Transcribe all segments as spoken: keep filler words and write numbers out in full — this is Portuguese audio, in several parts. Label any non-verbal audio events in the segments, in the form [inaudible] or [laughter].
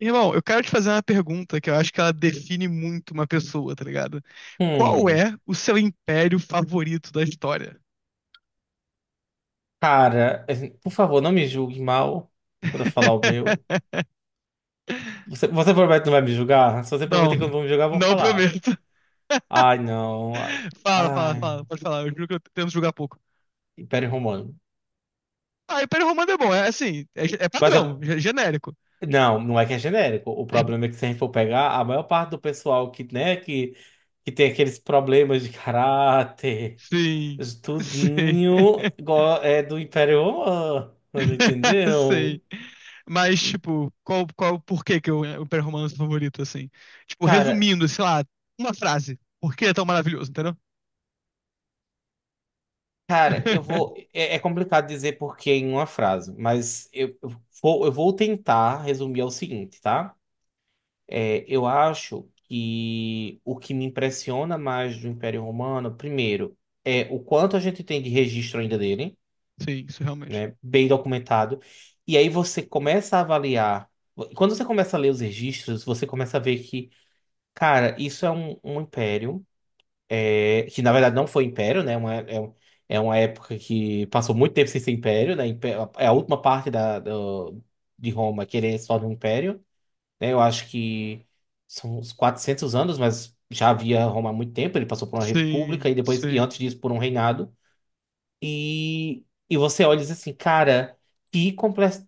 Irmão, eu quero te fazer uma pergunta que eu acho que ela define muito uma pessoa, tá ligado? Qual Hum, é o seu império favorito da história? Cara, assim, por favor, não me julgue mal por eu falar o meu. [laughs] Você, você promete que não vai me julgar? Se você prometer Não, que eu não vai me julgar, eu vou não falar. prometo. Ai, não. Ai, Fala, fala, ai, fala, pode falar, eu juro que eu tento julgar pouco. Império Romano. Ah, Império Romano é bom, é assim, é, ge- é Mas padrão, a- ge- genérico. não, não é que é genérico. O problema é que se a gente for pegar, a maior parte do pessoal que, né, que, que tem aqueles problemas de caráter, Sim, [laughs] sim. tudinho, go- é do Império Romano, [laughs] Sei. entendeu? Mas, tipo, qual, qual, por que que eu, é, o Império Romano é seu favorito, assim? Tipo, Cara. resumindo, sei lá, uma frase. Por que é tão maravilhoso, entendeu? Cara, eu vou. [laughs] É, é complicado dizer porquê em uma frase, mas eu eu vou, eu vou tentar resumir ao seguinte, tá? É, eu acho que o que me impressiona mais do Império Romano, primeiro, é o quanto a gente tem de registro ainda dele, Sim, isso realmente. né? Bem documentado. E aí você começa a avaliar. Quando você começa a ler os registros, você começa a ver que, cara, isso é um um império, é, que na verdade não foi império, né? Uma, é, um- é uma época que passou muito tempo sem ser império, né? Impé- É a última parte da, do- de Roma querer se tornar um império, né? Eu acho que são uns quatrocentos anos, mas já havia Roma há muito tempo. Ele passou por uma república Sim, e depois, e sim, antes disso, por um reinado. E, e você olha e diz assim, cara, que complexo,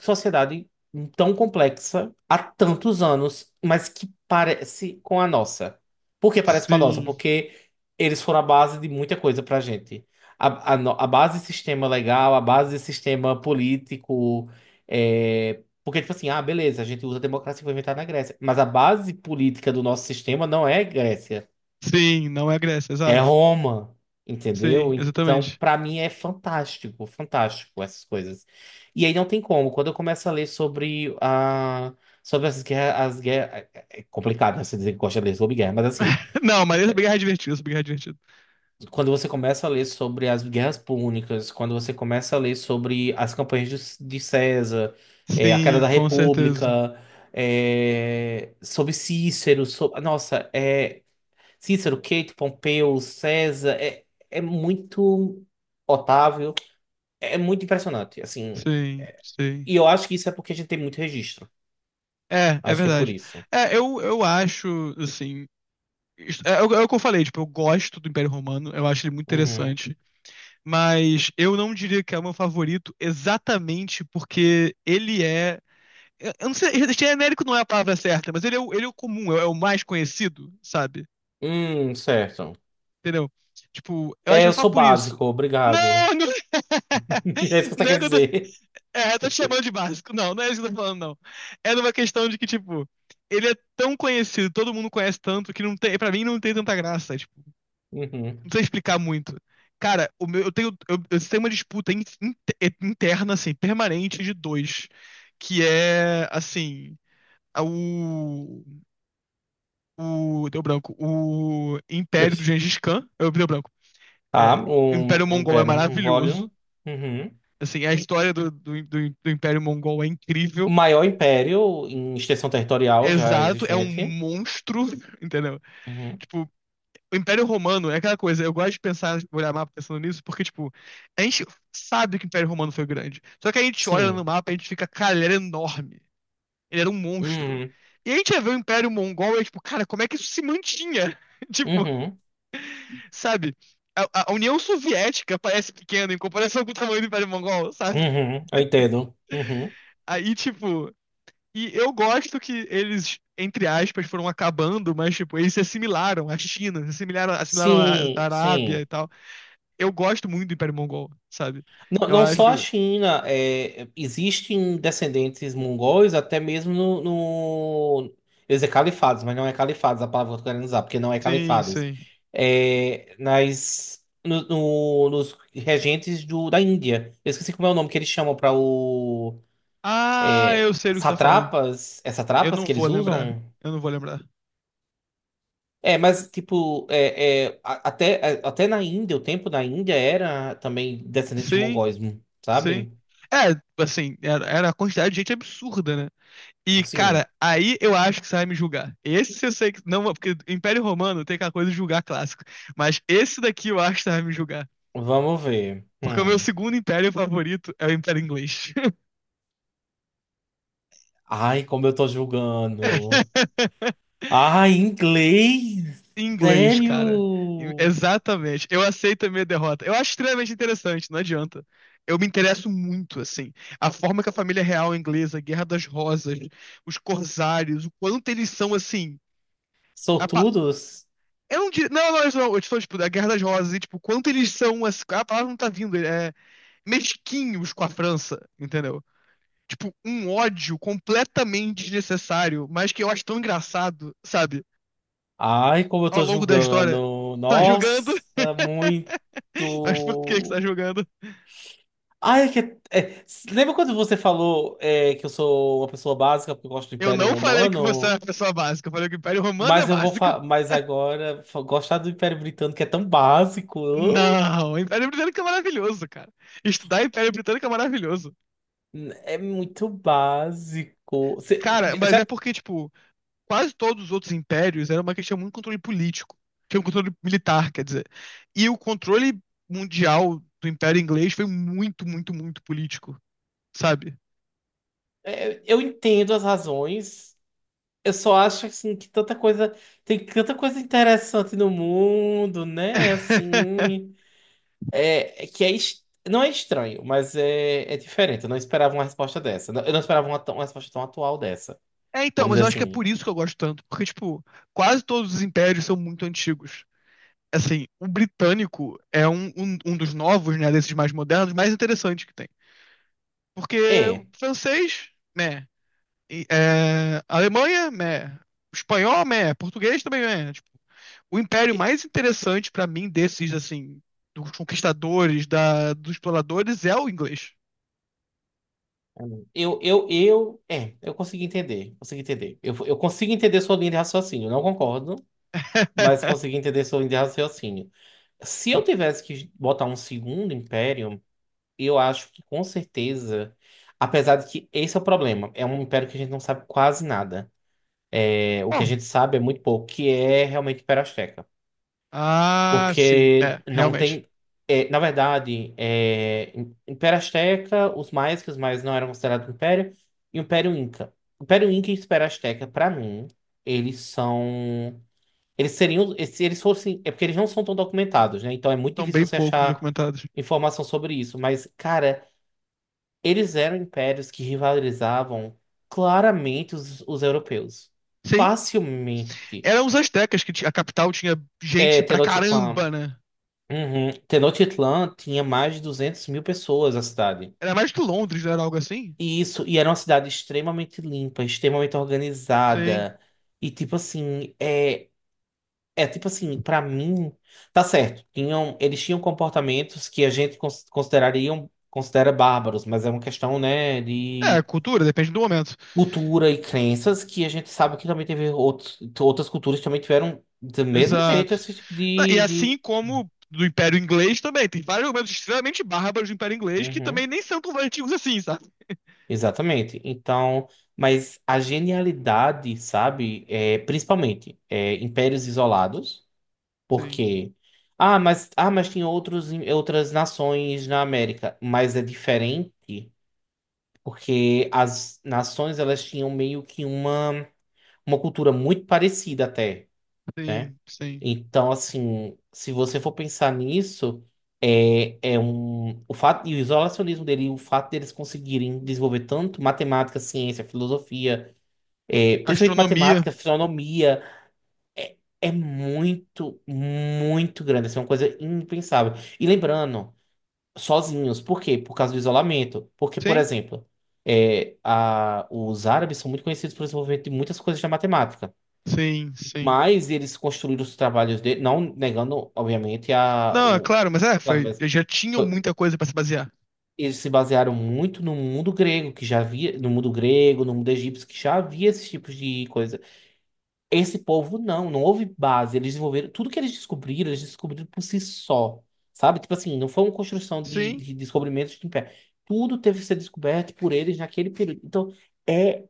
sociedade tão complexa há tantos anos, mas que parece com a nossa. Por que parece com a nossa? sim, Porque eles foram a base de muita coisa pra gente. A, a, no- A base de sistema legal, a base de sistema político. É, porque, tipo assim, ah, beleza, a gente usa a democracia que foi inventada na Grécia. Mas a base política do nosso sistema não é Grécia. sim, não é a Grécia, É exato. Roma, Sim, entendeu? Então, exatamente. pra mim é fantástico, fantástico essas coisas. E aí não tem como. Quando eu começo a ler sobre a, sobre as guerras, as guerras, é é, é complicado, né, você dizer que gosta de ler sobre guerra, mas assim, [laughs] Não, mas essa guerra é divertida, essa guerra é divertida. quando você começa a ler sobre as guerras púnicas, quando você começa a ler sobre as campanhas de, de César, é, a queda Sim, da com República, certeza. é, sobre Cícero, so- nossa, é, Cícero, Queito, Pompeu, César, é, é muito. Otávio, é, é muito impressionante, assim. Sim, sim. E eu acho que isso é porque a gente tem muito registro. É, é Acho que é por verdade. isso. É, eu, eu acho, assim. isso- É, é o é o que eu falei, tipo, eu gosto do Império Romano, eu acho ele muito Uhum. interessante. Mas eu não diria que é o meu favorito exatamente porque ele é. Eu eu não sei, genérico não é a palavra certa, mas ele é o, ele é o comum, é o mais conhecido, sabe? Hum, certo. Entendeu? Tipo, eu acho É, que é eu só sou por isso. básico, Não, obrigado. não, [laughs] É isso [laughs] que você não é quer que eu tô, dizer. é, eu tô te chamando de básico. Não, não é isso que eu tô falando, não. É numa questão de que, tipo, ele é tão conhecido, todo mundo conhece tanto, que não tem, pra mim não tem tanta graça. Tipo, não Uhum. sei explicar muito. Cara, o meu, eu tenho, eu, eu tenho uma disputa in- in- é, interna, assim, permanente de dois, que é, assim, a- o, o, deu branco, o Império do Gengis Khan, eu, deu branco, Tá, é, o o, Império o Mongol é Império um Volume. maravilhoso, Uhum. assim, a história do, do, do, do Império Mongol é O incrível, maior império em extensão territorial já exato, é um existente. monstro, [laughs] entendeu? Uhum. Tipo, o Império Romano é aquela coisa, eu gosto de pensar, olhar mapa pensando nisso, porque, tipo, a gente sabe que o Império Romano foi grande. Só que a gente olha no Sim. mapa e a gente fica, cara, ele era enorme. Ele era um monstro. Uhum. E a gente vê o Império Mongol e, é, tipo, cara, como é que isso se mantinha? [laughs] Tipo, Uhum. sabe? A, a União Soviética parece pequena em comparação com o tamanho do Império Mongol, sabe? Uhum. Eu entendo. Uhum. Aí, tipo, e eu gosto que eles, entre aspas, foram acabando, mas, tipo, eles se assimilaram à China, se assimilaram, assimilaram à Sim, Arábia e sim. tal. Eu gosto muito do Império Mongol, sabe? Não, Eu não acho. só a China, é, existem descendentes mongóis até mesmo no, no- eu ia dizer califados, mas não é califados a palavra que eu tô querendo usar, porque não é Sim, califados. sim. É, nas, no- no- nos regentes do, da Índia. Eu esqueci como é o nome que eles chamam para o. Ah, É, eu sei do que você tá falando. satrapas? É Eu satrapas não que vou eles lembrar. usam? Eu não vou lembrar. É, mas tipo, é, é, a- até, a- até na Índia, o tempo da Índia era também descendente de Sim, mongóis, sim. sabe? É, assim, era, era a quantidade de gente absurda, né? E, Sim, cara, aí eu acho que você vai me julgar. Esse eu sei que. Não, porque Império Romano tem aquela coisa de julgar clássico. Mas esse daqui eu acho que você vai me julgar. vamos ver. Porque o meu Hum. segundo império favorito é o Império Inglês. Ai, como eu tô julgando. [laughs] Ai, inglês! Em Inglês, cara. Em- Sério? Exatamente. Eu aceito a minha derrota. Eu acho extremamente interessante, não adianta. Eu me interesso muito, assim. A forma que a família real inglesa, Guerra das Rosas, os corsários, o quanto eles são, assim. a pa- Sortudos? Eu não diria. Não, não, isso não. Eu estou, tipo, da Guerra das Rosas, e, tipo, o quanto eles são, assim. A palavra não tá vindo. É mesquinhos com a França, entendeu? Tipo, um ódio completamente desnecessário, mas que eu acho tão engraçado, sabe? Ai, como eu Ao tô longo da história, julgando. tá julgando, Nossa, muito. [laughs] mas por que que tá julgando? Ai, é que, é, lembra quando você falou, é, que eu sou uma pessoa básica porque eu gosto do Eu Império não falei que você é Romano? uma pessoa básica, eu falei que o Império Romano é Mas eu vou. básico. fa- Mas agora, fa- gostar do Império Britânico é tão básico. Não, o Império Britânico é maravilhoso, cara. Estudar Império Britânico é maravilhoso. É muito básico. Cê- Cara, mas já, é porque, tipo, quase todos os outros impérios era uma questão muito de controle político, que é um controle militar, quer dizer. E o controle mundial do Império Inglês foi muito, muito, muito político, sabe? é, eu entendo as razões. Eu só acho assim que tanta coisa, tem tanta coisa interessante no mundo, né? É, [laughs] assim, é, é que é es- não é estranho, mas é, é diferente. Eu não esperava uma resposta dessa. Eu não esperava uma, tão- uma resposta tão atual dessa. É, então, Vamos mas eu dizer acho que é assim. por isso que eu gosto tanto, porque, tipo, quase todos os impérios são muito antigos. Assim, o britânico é um, um, um dos novos, né, desses mais modernos, mais interessante que tem. Porque o É. francês, né, e, é, Alemanha, né, espanhol, né, português também, né. Tipo, o império mais interessante pra mim desses, assim, dos conquistadores, da, dos exploradores, é o inglês. Eu, eu, eu, é, eu consegui entender, consegui entender. Eu, eu consigo entender sua linha de raciocínio. Eu não concordo, mas [laughs] consegui entender sua linha de raciocínio. Se eu tivesse que botar um segundo império, eu acho que com certeza, apesar de que esse é o problema, é um império que a gente não sabe quase nada. É, o que a Bom, gente sabe é muito pouco, que é realmente o Império Azteca. ah, sim, Porque é, não realmente. tem, é, na verdade, é, Império Azteca, os maias, que os maias não eram considerados império, e o Império Inca. O Império Inca e o Império Azteca, pra mim, eles são. Eles seriam, se eles fossem, é porque eles não são tão documentados, né? Então é muito São bem difícil você poucos achar documentados. informação sobre isso. Mas, cara, eles eram impérios que rivalizavam claramente os, os europeus. Sim, Facilmente. eram os astecas que ti- a capital tinha É, gente pra Tenochtitlan. caramba, né? Uhum. Tenochtitlan tinha mais de duzentas mil pessoas a cidade. Era mais que Londres, não era algo assim? E isso, e era uma cidade extremamente limpa, extremamente Sim. organizada. E tipo assim, é, é, tipo assim, pra mim, tá certo. Tinham, eles tinham comportamentos que a gente cons- considerariam, considera bárbaros, mas é uma questão, né, É, de cultura, depende do momento. cultura e crenças que a gente sabe que também teve outros, outras culturas que também tiveram do mesmo jeito Exato. esse tipo Na- E de, assim de... como do Império Inglês também, tem vários momentos extremamente bárbaros do Império Inglês que Uhum, também nem são tão antigos assim, sabe? exatamente. Então, mas a genialidade, sabe, é, principalmente, é, impérios isolados, Sim, porque ah, mas, ah, mas tinha outros, em- outras nações na América. Mas é diferente, porque as nações elas tinham meio que uma, uma cultura muito parecida até, né? sim, sim. Então, assim, se você for pensar nisso, é, é um, o fato, e o isolacionismo dele, e o fato deles conseguirem desenvolver tanto matemática, ciência, filosofia, é, principalmente Astronomia. matemática, astronomia. É, é muito, muito grande. Assim, é uma coisa impensável. E lembrando, sozinhos. Por quê? Por causa do isolamento. Porque, por Sim, exemplo, é, a- os árabes são muito conhecidos pelo desenvolvimento de muitas coisas da matemática. sim, sim. Mas eles construíram os trabalhos dele, não negando, obviamente, a, Não, é o, claro, mas é, claro, foi, mas já tinham foi- muita coisa pra se basear. eles se basearam muito no mundo grego, que já havia, no mundo grego, no mundo egípcio, que já havia esses tipos de coisa. Esse povo não, não houve base. Eles desenvolveram tudo que eles descobriram, eles descobriram por si só, sabe? Tipo assim, não foi uma construção de, Sim, de descobrimentos de pé. Tudo teve que ser descoberto por eles naquele período. Então, é,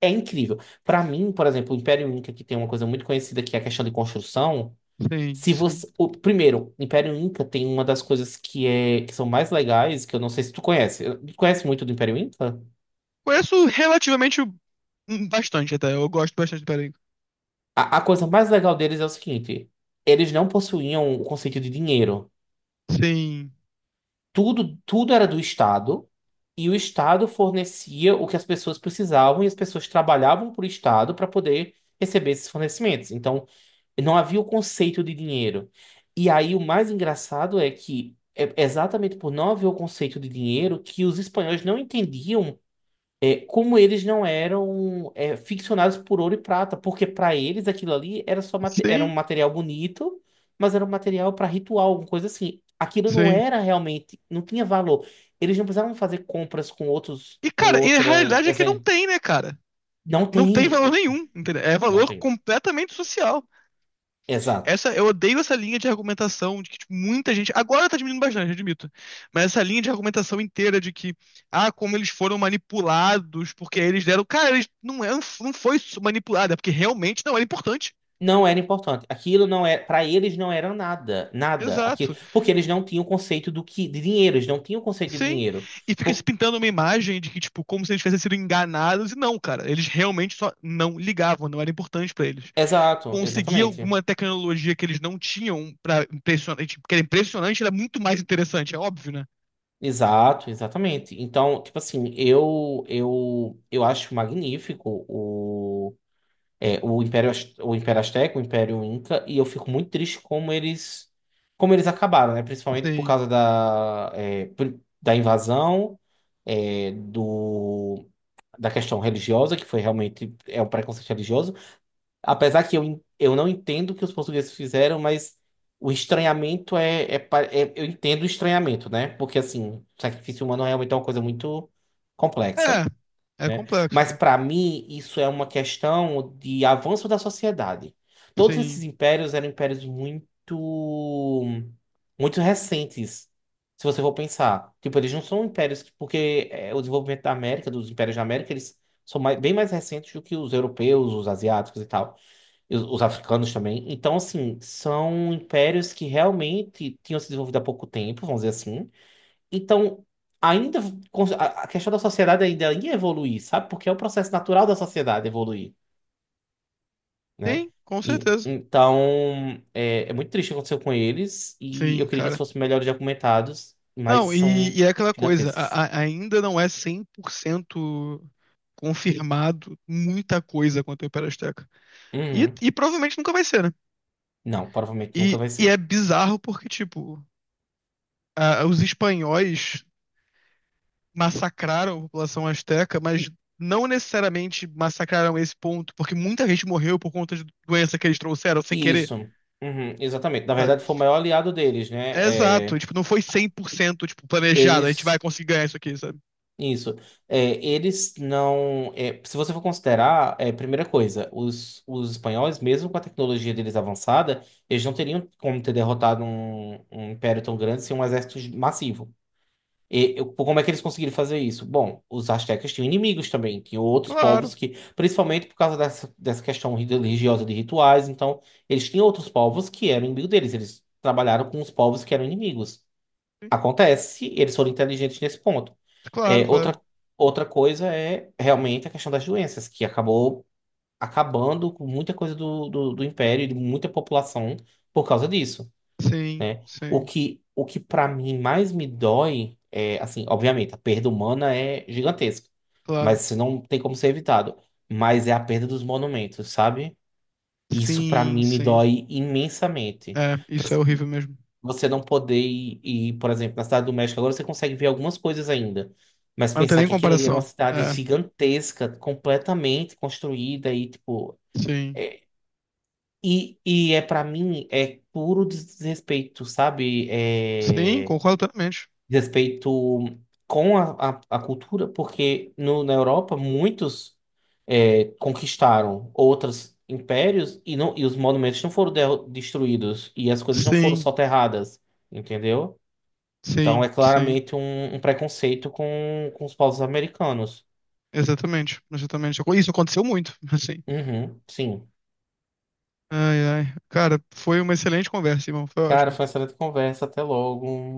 é incrível. Para mim, por exemplo, o Império Inca, que tem uma coisa muito conhecida que é a questão de construção. sim, Se sim. você, o, primeiro, o Império Inca tem uma das coisas que é que são mais legais, que eu não sei se tu conhece. Tu conhece muito do Império Inca? Conheço relativamente hum, bastante até, eu gosto bastante do Império. A, a coisa mais legal deles é o seguinte: eles não possuíam o conceito de dinheiro. Sim, tudo, tudo era do Estado e o Estado fornecia o que as pessoas precisavam e as pessoas trabalhavam para o Estado para poder receber esses fornecimentos. Então, não havia o conceito de dinheiro. E aí, o mais engraçado é que é exatamente por não haver o conceito de dinheiro que os espanhóis não entendiam, é, como eles não eram, é, ficcionados por ouro e prata, porque para eles aquilo ali era só mate- era um sim, material bonito, mas era um material para ritual, uma coisa assim. Aquilo não sim. era realmente, não tinha valor. Eles não precisavam fazer compras com outros, E, com cara, e a outras, realidade é que não assim, tem, né, cara? não Não tem tem, valor o- nenhum, entendeu? É não valor tem. completamente social. Exato. Essa, eu odeio essa linha de argumentação de que tipo, muita gente. Agora tá diminuindo bastante, admito. Mas essa linha de argumentação inteira de que, ah, como eles foram manipulados, porque eles deram. Cara, eles não, é, não foi manipulado, é porque realmente não era importante. Não era importante. Aquilo não é, para eles não era nada, nada. Exato. Aqui, porque eles não tinham o conceito do que de dinheiro, eles não tinham o conceito de Sim, dinheiro. e fica se Por- pintando uma imagem de que, tipo, como se eles tivessem sido enganados, e não, cara, eles realmente só não ligavam, não era importante pra eles. exato, Conseguir exatamente. alguma tecnologia que eles não tinham para impressionante, que era impressionante, era muito mais interessante, é óbvio, né? Exato, exatamente. Então, tipo assim, eu eu eu acho magnífico o, é, o ImpérioAz- o Império Azteca, o Império Inca, e eu fico muito triste como eles, como eles acabaram, né? Principalmente por Sim. causa da, é, pri- da invasão, é, do da questão religiosa, que foi realmente é um preconceito religioso. Apesar que eu, en- eu não entendo o que os portugueses fizeram, mas o estranhamento é, é, pa- é- eu entendo o estranhamento, né? Porque, assim, sacrifício humano realmente é uma coisa muito complexa, É, é né? complexo, Mas, né? para mim, isso é uma questão de avanço da sociedade. Todos Sim. esses impérios eram impérios muito, muito recentes, se você for pensar. Tipo, eles não são impérios... que- porque, é, o desenvolvimento da América, dos impérios da América, eles são mais- bem mais recentes do que os europeus, os asiáticos e tal. E os os africanos também. Então, assim, são impérios que realmente tinham se desenvolvido há pouco tempo, vamos dizer assim. Então, ainda cons- a a questão da sociedade ainda ia evoluir, sabe? Porque é o processo natural da sociedade evoluir, né? Sim, com E- certeza. Então, é, é muito triste o que aconteceu com eles e eu Sim, queria que eles cara. fossem melhores documentados, mas Não, e, são e é aquela coisa, gigantescos. a- a- ainda não é cem por cento confirmado muita coisa quanto ao Império Azteca. E, Uhum. e provavelmente nunca vai ser, né? Não, provavelmente nunca E, vai e é ser. bizarro porque, tipo, a- os espanhóis massacraram a população asteca, mas não necessariamente massacraram esse ponto, porque muita gente morreu por conta de doença que eles trouxeram sem querer, Isso. Uhum, exatamente. Na sabe? verdade, foi o maior aliado deles, né? É exato, É, tipo, não foi cem por cento tipo, planejado, a gente vai eles. conseguir ganhar isso aqui, sabe? Isso. É, eles não, é, se você for considerar, é, primeira coisa, os, os espanhóis, mesmo com a tecnologia deles avançada, eles não teriam como ter derrotado um, um império tão grande sem um exército massivo. E, eu- como é que eles conseguiram fazer isso? Bom, os astecas tinham inimigos também, tinham outros povos Claro, que, principalmente por causa dessa, dessa questão religiosa de rituais, então, eles tinham outros povos que eram inimigos deles, eles trabalharam com os povos que eram inimigos. sim, Acontece, eles foram inteligentes nesse ponto. claro, É, claro. outra, outra coisa é realmente a questão das doenças, que acabou acabando com muita coisa do, do, do império e de muita população por causa disso. Sim, O sim, que, o que para mim mais me dói é, assim, obviamente, a perda humana é gigantesca, mas claro. isso não tem como ser evitado. Mas é a perda dos monumentos, sabe? Isso para Sim, mim me sim. dói imensamente. É, isso é horrível mesmo. Você não poder ir, ir, por exemplo, na cidade do México, agora você consegue ver algumas coisas ainda. Mas Mas não tem pensar nem que aquilo ali era uma comparação. cidade É, gigantesca, completamente construída e, tipo. sim. é- e, e é para mim, é puro desrespeito, sabe? Sim, É, concordo plenamente. desrespeito com a, a, a cultura, porque no, na Europa muitos, é, conquistaram outros impérios e, não, e os monumentos não foram derru- destruídos e as coisas não foram Sim, soterradas, entendeu? Então é sim, sim. claramente um, um preconceito com, com os povos americanos. Exatamente, exatamente. Isso aconteceu muito, [laughs] assim. Uhum, sim. Ai, ai. Cara, foi uma excelente conversa, irmão. Foi Cara, ótimo. foi uma excelente conversa. Até logo.